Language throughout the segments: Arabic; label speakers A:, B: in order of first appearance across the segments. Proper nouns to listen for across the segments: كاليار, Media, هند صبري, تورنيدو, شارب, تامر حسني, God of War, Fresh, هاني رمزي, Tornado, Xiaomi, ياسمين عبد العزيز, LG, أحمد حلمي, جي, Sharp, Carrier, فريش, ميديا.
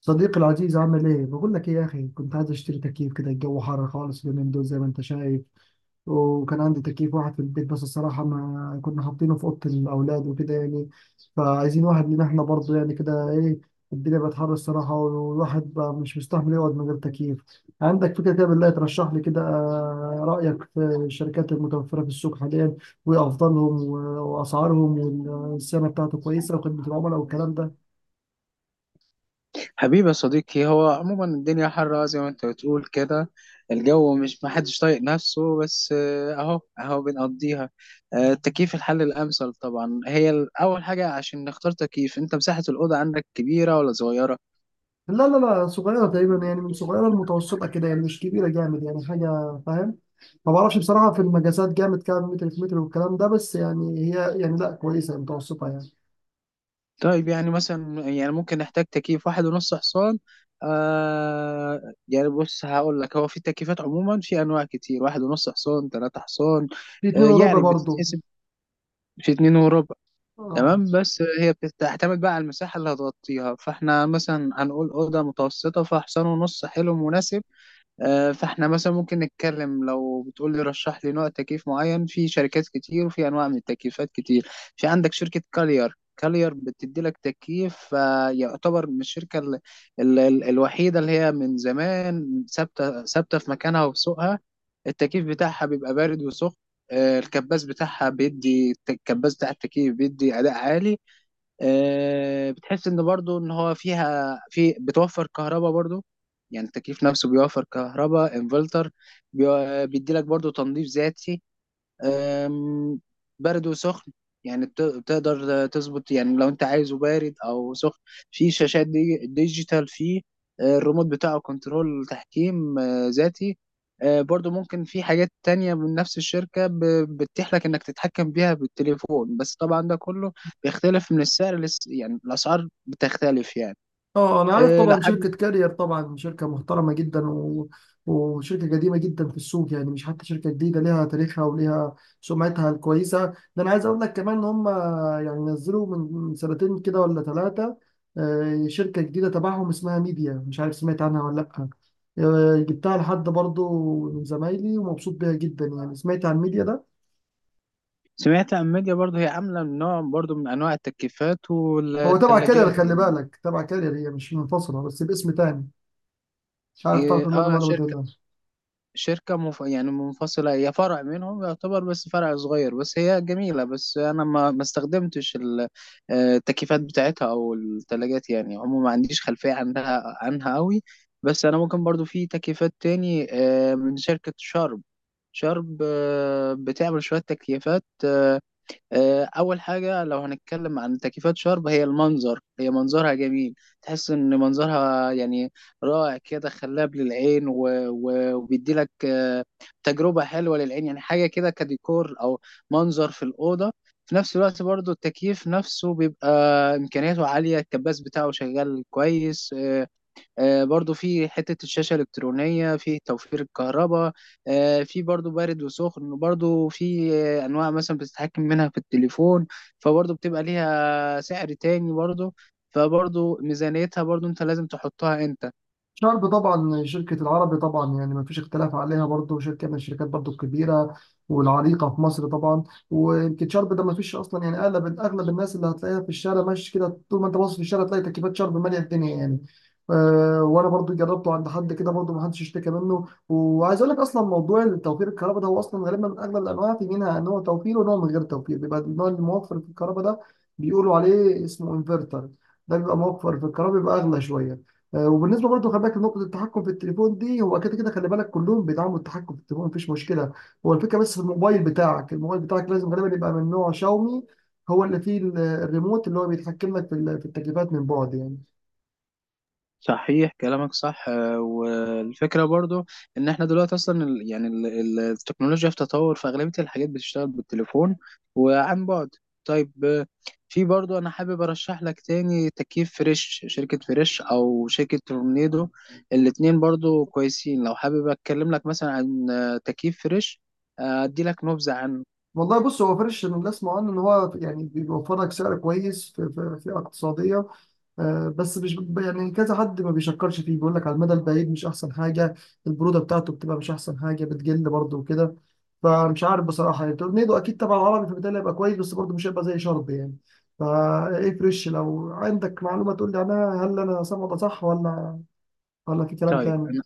A: صديقي العزيز عامل ايه؟ بقول لك ايه يا اخي، كنت عايز اشتري تكييف كده. الجو حر خالص اليومين دول زي ما انت شايف. وكان عندي تكييف واحد في البيت، بس الصراحة ما كنا حاطينه في أوضة الأولاد وكده يعني. فعايزين واحد لينا احنا برضه يعني كده. ايه، الدنيا بقت حر الصراحة، والواحد بقى مش مستحمل يقعد من غير تكييف. عندك فكرة كده بالله ترشح لي كده؟ رأيك في الشركات المتوفرة في السوق حاليا وأفضلهم وأسعارهم، والسنة بتاعته كويسة، وخدمة العملاء والكلام ده.
B: حبيبي يا صديقي، هو عموما الدنيا حرة زي ما انت بتقول كده. الجو مش محدش طايق نفسه بس، اهو اهو بنقضيها. التكييف الحل الامثل طبعا. هي اول حاجة عشان نختار تكييف، انت مساحة الاوضة عندك كبيرة ولا صغيرة؟
A: لا لا لا، صغيرة تقريبا يعني، من صغيرة المتوسطة كده يعني، مش كبيرة جامد يعني حاجة، فاهم. ما بعرفش بصراحة في المجازات جامد كام متر في متر والكلام ده، بس يعني هي يعني لا، كويسة متوسطة يعني.
B: طيب يعني مثلا يعني ممكن نحتاج تكييف واحد ونص حصان. آه يعني بص هقول لك، هو في تكييفات عموما، في انواع كتير: واحد ونص حصان، ثلاثة حصان.
A: في
B: آه
A: اتنين وربع
B: يعني
A: برضو.
B: بتتحسب. في اتنين وربع.
A: اه.
B: تمام. بس هي بتعتمد بقى على المساحة اللي هتغطيها، فاحنا مثلا هنقول أوضة متوسطة فحصان ونص حلو مناسب. فاحنا مثلا ممكن نتكلم، لو بتقول لي رشح لي نوع تكييف معين، في شركات كتير وفي انواع من التكييفات كتير. في عندك شركة كالير. كالير بتدي لك تكييف يعتبر من الشركة ال الوحيدة اللي هي من زمان ثابتة ثابتة في مكانها وفي سوقها. التكييف بتاعها بيبقى بارد وسخن. الكباس بتاعها بيدي، الكباس بتاع التكييف بيدي أداء عالي. بتحس ان برضو ان هو فيها بتوفر كهرباء برضو. يعني التكييف نفسه بيوفر كهرباء، انفلتر. بيدي لك برضو تنظيف ذاتي. أم، برد وسخن. يعني بتقدر تظبط يعني لو انت عايزه بارد او سخن. في شاشات دي ديجيتال. في الريموت بتاعه كنترول تحكيم ذاتي. برضو ممكن في حاجات تانية من نفس الشركة بتتيح لك انك تتحكم بيها بالتليفون، بس طبعا ده كله بيختلف من السعر، لس يعني الاسعار بتختلف يعني.
A: اه انا عارف
B: لو
A: طبعا،
B: حابب.
A: شركة كارير طبعا شركة محترمة جدا وشركة قديمة جدا في السوق يعني، مش حتى شركة جديدة، ليها تاريخها وليها سمعتها الكويسة. ده انا عايز اقول لك كمان ان هم يعني نزلوا من سنتين كده ولا ثلاثة، شركة جديدة تبعهم اسمها ميديا. مش عارف سمعت عنها ولا لا؟ جبتها لحد برضو من زمايلي ومبسوط بيها جدا يعني. سمعت عن ميديا ده؟
B: سمعت عن ميديا برضو، هي عاملة نوع برضو من انواع التكييفات
A: هو تبع كارير،
B: والثلاجات
A: خلي
B: يعني.
A: بالك تبع كارير، هي مش منفصلة بس باسم تاني. مش عارف تعرف
B: اه.
A: المعلومة ولا
B: شركة،
A: لا؟
B: يعني منفصلة، هي فرع منهم يعتبر، بس فرع صغير، بس هي جميلة. بس أنا ما استخدمتش التكييفات بتاعتها أو التلاجات، يعني عموما ما عنديش خلفية عنها أوي. بس أنا ممكن برضو في تكييفات تاني من شركة شارب. شارب بتعمل شوية تكييفات. اول حاجه لو هنتكلم عن تكييفات شرب هي المنظر، هي منظرها جميل. تحس ان منظرها يعني رائع كده، خلاب للعين. وبيدي لك تجربه حلوه للعين، يعني حاجه كده كديكور او منظر في الاوضه. في نفس الوقت برضو التكييف نفسه بيبقى امكانياته عاليه، الكباس بتاعه شغال كويس. برضو في حتة الشاشة الإلكترونية، في توفير الكهرباء. في برضو بارد وسخن، وبرضو في أنواع مثلا بتتحكم منها في التليفون، فبرضو بتبقى ليها سعر تاني برضو. فبرضو ميزانيتها برضو أنت لازم تحطها أنت.
A: شارب طبعا، شركة العربي طبعا، يعني ما فيش اختلاف عليها، برضو شركة من الشركات برضو الكبيرة والعريقة في مصر طبعا. ويمكن شارب ده ما فيش أصلا يعني، أغلب الناس اللي هتلاقيها في الشارع ماشي كده، طول ما أنت باصص في الشارع تلاقي تكييفات شارب مالية الدنيا يعني. أه، وأنا برضو جربته عند حد كده برضو، ما حدش اشتكى منه. وعايز أقول لك أصلا، موضوع توفير الكهرباء ده هو أصلا غالبا أغلب الأنواع، في منها نوع توفير ونوع من غير توفير. بيبقى النوع الموفر في الكهرباء ده بيقولوا عليه اسمه انفرتر، ده بيبقى موفر في الكهرباء، بيبقى أغلى شوية. وبالنسبه برضه خلي بالك لنقطه التحكم في التليفون دي، هو كده كده خلي بالك كلهم بيدعموا التحكم في التليفون، مفيش مشكله. هو الفكره بس في الموبايل بتاعك، الموبايل بتاعك لازم غالبا يبقى من نوع شاومي، هو اللي فيه الريموت اللي هو بيتحكم لك في التكييفات من بعد يعني.
B: صحيح كلامك صح. والفكرة برضو ان احنا دلوقتي اصلا يعني التكنولوجيا في تطور، فاغلبية الحاجات بتشتغل بالتليفون وعن بعد. طيب. في برضو انا حابب ارشح لك تاني تكييف فريش، شركة فريش او شركة تورنيدو. الاتنين برضو كويسين. لو حابب اتكلم لك مثلا عن تكييف فريش، ادي لك نبذة عنه.
A: والله بص، هو فرش اللي اسمع عنه ان هو يعني بيوفر لك سعر كويس، في اقتصاديه. بس مش يعني كذا حد ما بيشكرش فيه، بيقول لك على المدى البعيد مش احسن حاجه، البروده بتاعته بتبقى مش احسن حاجه بتجل برضه وكده. فمش عارف بصراحه يعني. تورنيدو اكيد طبعا عربي، فبالتالي هيبقى كويس، بس برضه مش هيبقى زي شرب يعني. فا ايه فريش؟ لو عندك معلومه تقول لي عنها، هل انا سامع ده صح ولا ولا في كلام
B: طيب
A: تاني؟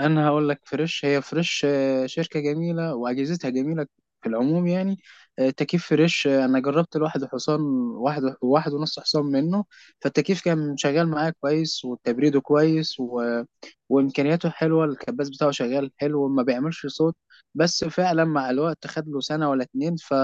B: انا هقول لك فريش، هي فريش شركه جميله واجهزتها جميله في العموم يعني. تكييف فريش، انا جربت الواحد حصان، واحد ونص حصان منه. فالتكييف كان شغال معايا كويس وتبريده كويس وامكانياته حلوه. الكباس بتاعه شغال حلو، ما بيعملش صوت. بس فعلا مع الوقت خد له سنه ولا اتنين ف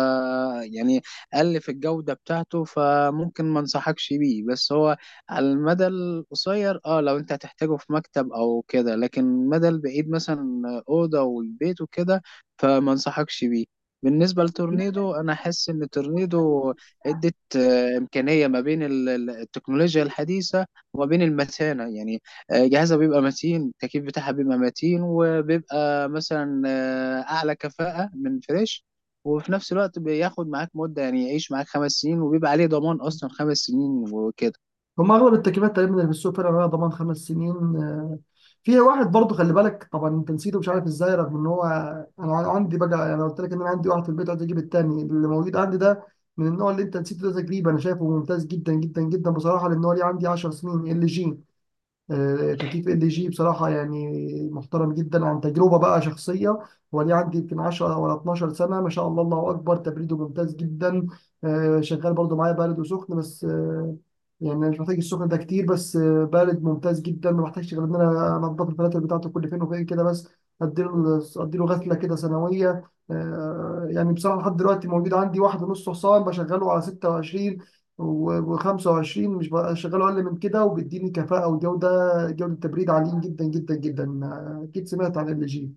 B: يعني قل في الجوده بتاعته، فممكن ما انصحكش بيه. بس هو على المدى القصير اه، لو انت هتحتاجه في مكتب او كده، لكن المدى البعيد مثلا اوضه والبيت وكده فما انصحكش بيه. بالنسبه لتورنيدو، انا حاسس ان تورنيدو ادت امكانيه ما بين التكنولوجيا الحديثه وما بين المتانه يعني. جهازها بيبقى متين، التكييف بتاعها بيبقى متين، وبيبقى مثلا اعلى كفاءه من فريش. وفي نفس الوقت بياخد معاك مدة، يعني يعيش معاك 5 سنين، وبيبقى عليه ضمان أصلا 5 سنين وكده.
A: هم اغلب التكييفات تقريبا اللي في السوق فعلا عليها ضمان خمس سنين. في واحد برضه خلي بالك، طبعا انت نسيته مش عارف ازاي، رغم ان هو، انا عندي بقى، انا قلت لك ان انا عندي واحد في البيت، عايز اجيب التاني اللي موجود عندي ده من النوع اللي انت نسيته ده. تجريبا انا شايفه ممتاز جدا جدا جدا بصراحه، لان هو ليه عندي 10 سنين. ال جي، تكييف ال جي بصراحة يعني محترم جدا عن تجربة بقى شخصية. وليه عندي يمكن 10 ولا 12 سنة، ما شاء الله الله أكبر، تبريده ممتاز جدا. شغال برضو معايا بارد وسخن، بس يعني مش محتاج السخن ده كتير، بس بارد ممتاز جدا. ما بحتاجش غير إن أنا أنضف الفلاتر بتاعته كل فين وفين كده، بس أديله أديله غسلة كده سنوية. يعني بصراحة لحد دلوقتي موجود عندي واحد ونص حصان، بشغله على 26 و25، مش بشغله أقل من كده، وبيديني كفاءة وجودة جوله تبريد عاليين جدا جدا جدا. اكيد سمعت عن ال جي.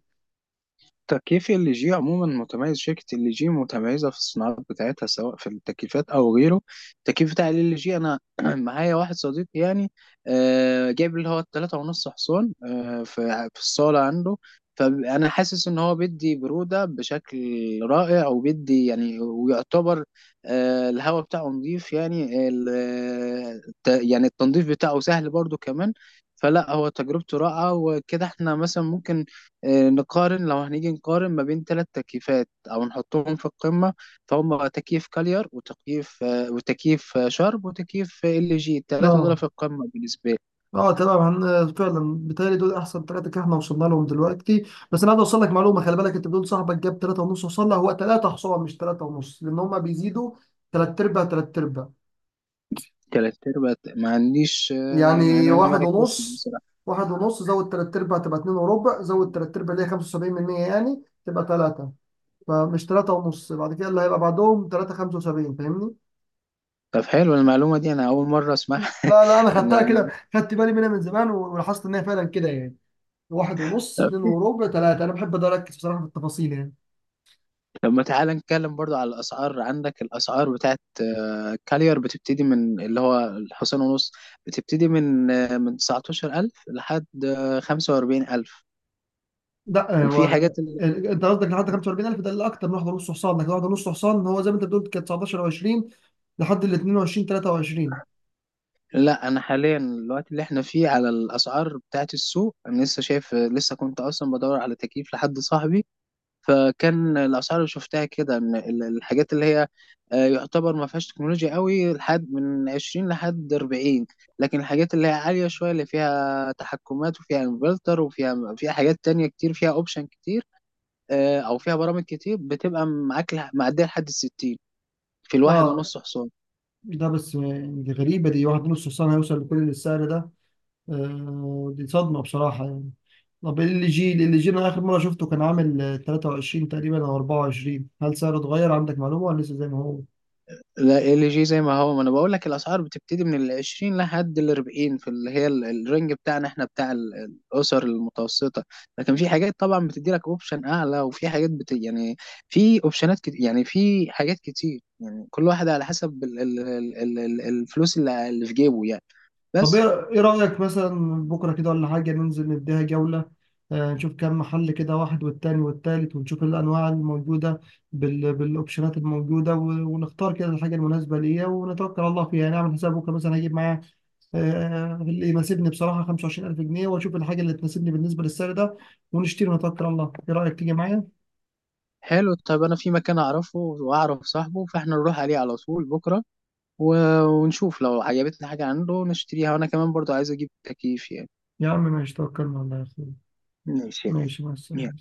B: تكييف ال جي عموما متميز، شركة ال جي متميزة في الصناعات بتاعتها سواء في التكييفات أو غيره. التكييف بتاع ال جي، أنا معايا واحد صديقي يعني جايب اللي هو التلاتة ونص حصان في الصالة عنده. فأنا حاسس إن هو بيدي برودة بشكل رائع، وبيدي يعني ويعتبر الهواء بتاعه نظيف. يعني يعني التنظيف بتاعه سهل برضو كمان. فلا هو تجربته رائعة وكده. احنا مثلا ممكن نقارن. لو هنيجي نقارن ما بين ثلاث تكييفات او نحطهم في القمه، فهم تكييف كاليار، وتكييف شرب، وتكييف ال جي. الثلاثه دول
A: اه.
B: في القمه بالنسبه لي.
A: اه تمام. هن فعلا بيتهيألي دول احسن ثلاثه كده، احنا وصلنا لهم دلوقتي. بس انا عايز اوصل لك معلومه، خلي بالك انت بتقول صاحبك جاب ثلاثه ونص، وصل له هو ثلاثه حصان مش ثلاثه ونص، لان هم بيزيدوا ثلاث ارباع ثلاث ارباع،
B: ثلاث ارباع ما عنديش.
A: يعني
B: أنا ما
A: واحد
B: ركزتش
A: ونص،
B: بصراحه.
A: واحد ونص زود ثلاث ارباع تبقى اتنين وربع، زود ثلاث ارباع اللي هي 75% يعني تبقى ثلاثه. فمش ثلاثه ونص بعد كده، اللي هيبقى بعدهم ثلاثه 75، فاهمني؟
B: طب حلو المعلومه دي، انا اول مره اسمعها.
A: لا لا انا خدتها
B: انا
A: كده، خدت بالي منها من زمان، ولاحظت ان هي فعلا كده يعني. واحد ونص، اتنين وربع، تلاتة. انا بحب ده اركز بصراحه في التفاصيل يعني.
B: طب ما تعالى نتكلم برضو على الاسعار. عندك الاسعار بتاعت كاليار بتبتدي من اللي هو الحصان ونص، بتبتدي من من 19000 لحد 45000.
A: لا، هو،
B: وفي حاجات
A: انت قصدك لحد 45,000 ده اللي اكتر من واحده ونص حصان، لكن واحده ونص حصان هو زي ما انت بتقول كانت 19 و20 لحد ال 22 23.
B: لا، انا حاليا الوقت اللي احنا فيه على الاسعار بتاعت السوق، انا لسه شايف، لسه كنت اصلا بدور على تكييف لحد صاحبي. فكان الاسعار اللي شفتها كده ان الحاجات اللي هي يعتبر ما فيهاش تكنولوجيا قوي لحد من 20 لحد 40. لكن الحاجات اللي هي عالية شوية، اللي فيها تحكمات وفيها انفلتر وفيها حاجات تانية كتير، فيها اوبشن كتير او فيها برامج كتير، بتبقى معاك معدية لحد 60 في الواحد
A: اه.
B: ونص حصان.
A: ده بس يعني دي غريبه، دي واحد ونص حصان هيوصل لكل السعر ده؟ آه دي صدمه بصراحه يعني. طب ال جي، ال جي انا اخر مره شفته كان عامل 23 تقريبا او 24، هل سعره اتغير عندك معلومه ولا لسه زي ما هو؟
B: لا، ال جي زي ما هو، ما انا بقول لك الاسعار بتبتدي من ال 20 لحد ال 40 في اللي هي الرينج بتاعنا احنا بتاع الاسر المتوسطه. لكن في حاجات طبعا بتدي لك اوبشن اعلى، وفي حاجات يعني في يعني في حاجات كتير. يعني كل واحد على حسب الفلوس اللي في جيبه يعني.
A: طب
B: بس.
A: ايه، إيه رأيك مثلا بكرة كده ولا حاجة ننزل نديها جولة؟ نشوف كام محل كده، واحد والتاني والتالت، ونشوف الأنواع الموجودة بالأوبشنات الموجودة، ونختار كده الحاجة المناسبة ليا، ونتوكل على الله فيها. نعمل حساب بكرة مثلا، هجيب معايا آه، اللي يناسبني بصراحة 25,000 جنيه، وأشوف الحاجة اللي تناسبني بالنسبة للسعر ده، ونشتري ونتوكل على الله. إيه رأيك تيجي معايا؟
B: حلو. طيب انا في مكان اعرفه واعرف صاحبه، فاحنا نروح عليه على طول بكره و... ونشوف لو عجبتنا حاجه عنده نشتريها، وانا كمان برضو عايز اجيب تكييف يعني.
A: يا عم ماشي، توكلنا على الله يا أخوي.
B: ماشي يا
A: ماشي مع
B: غالي.
A: السلامة.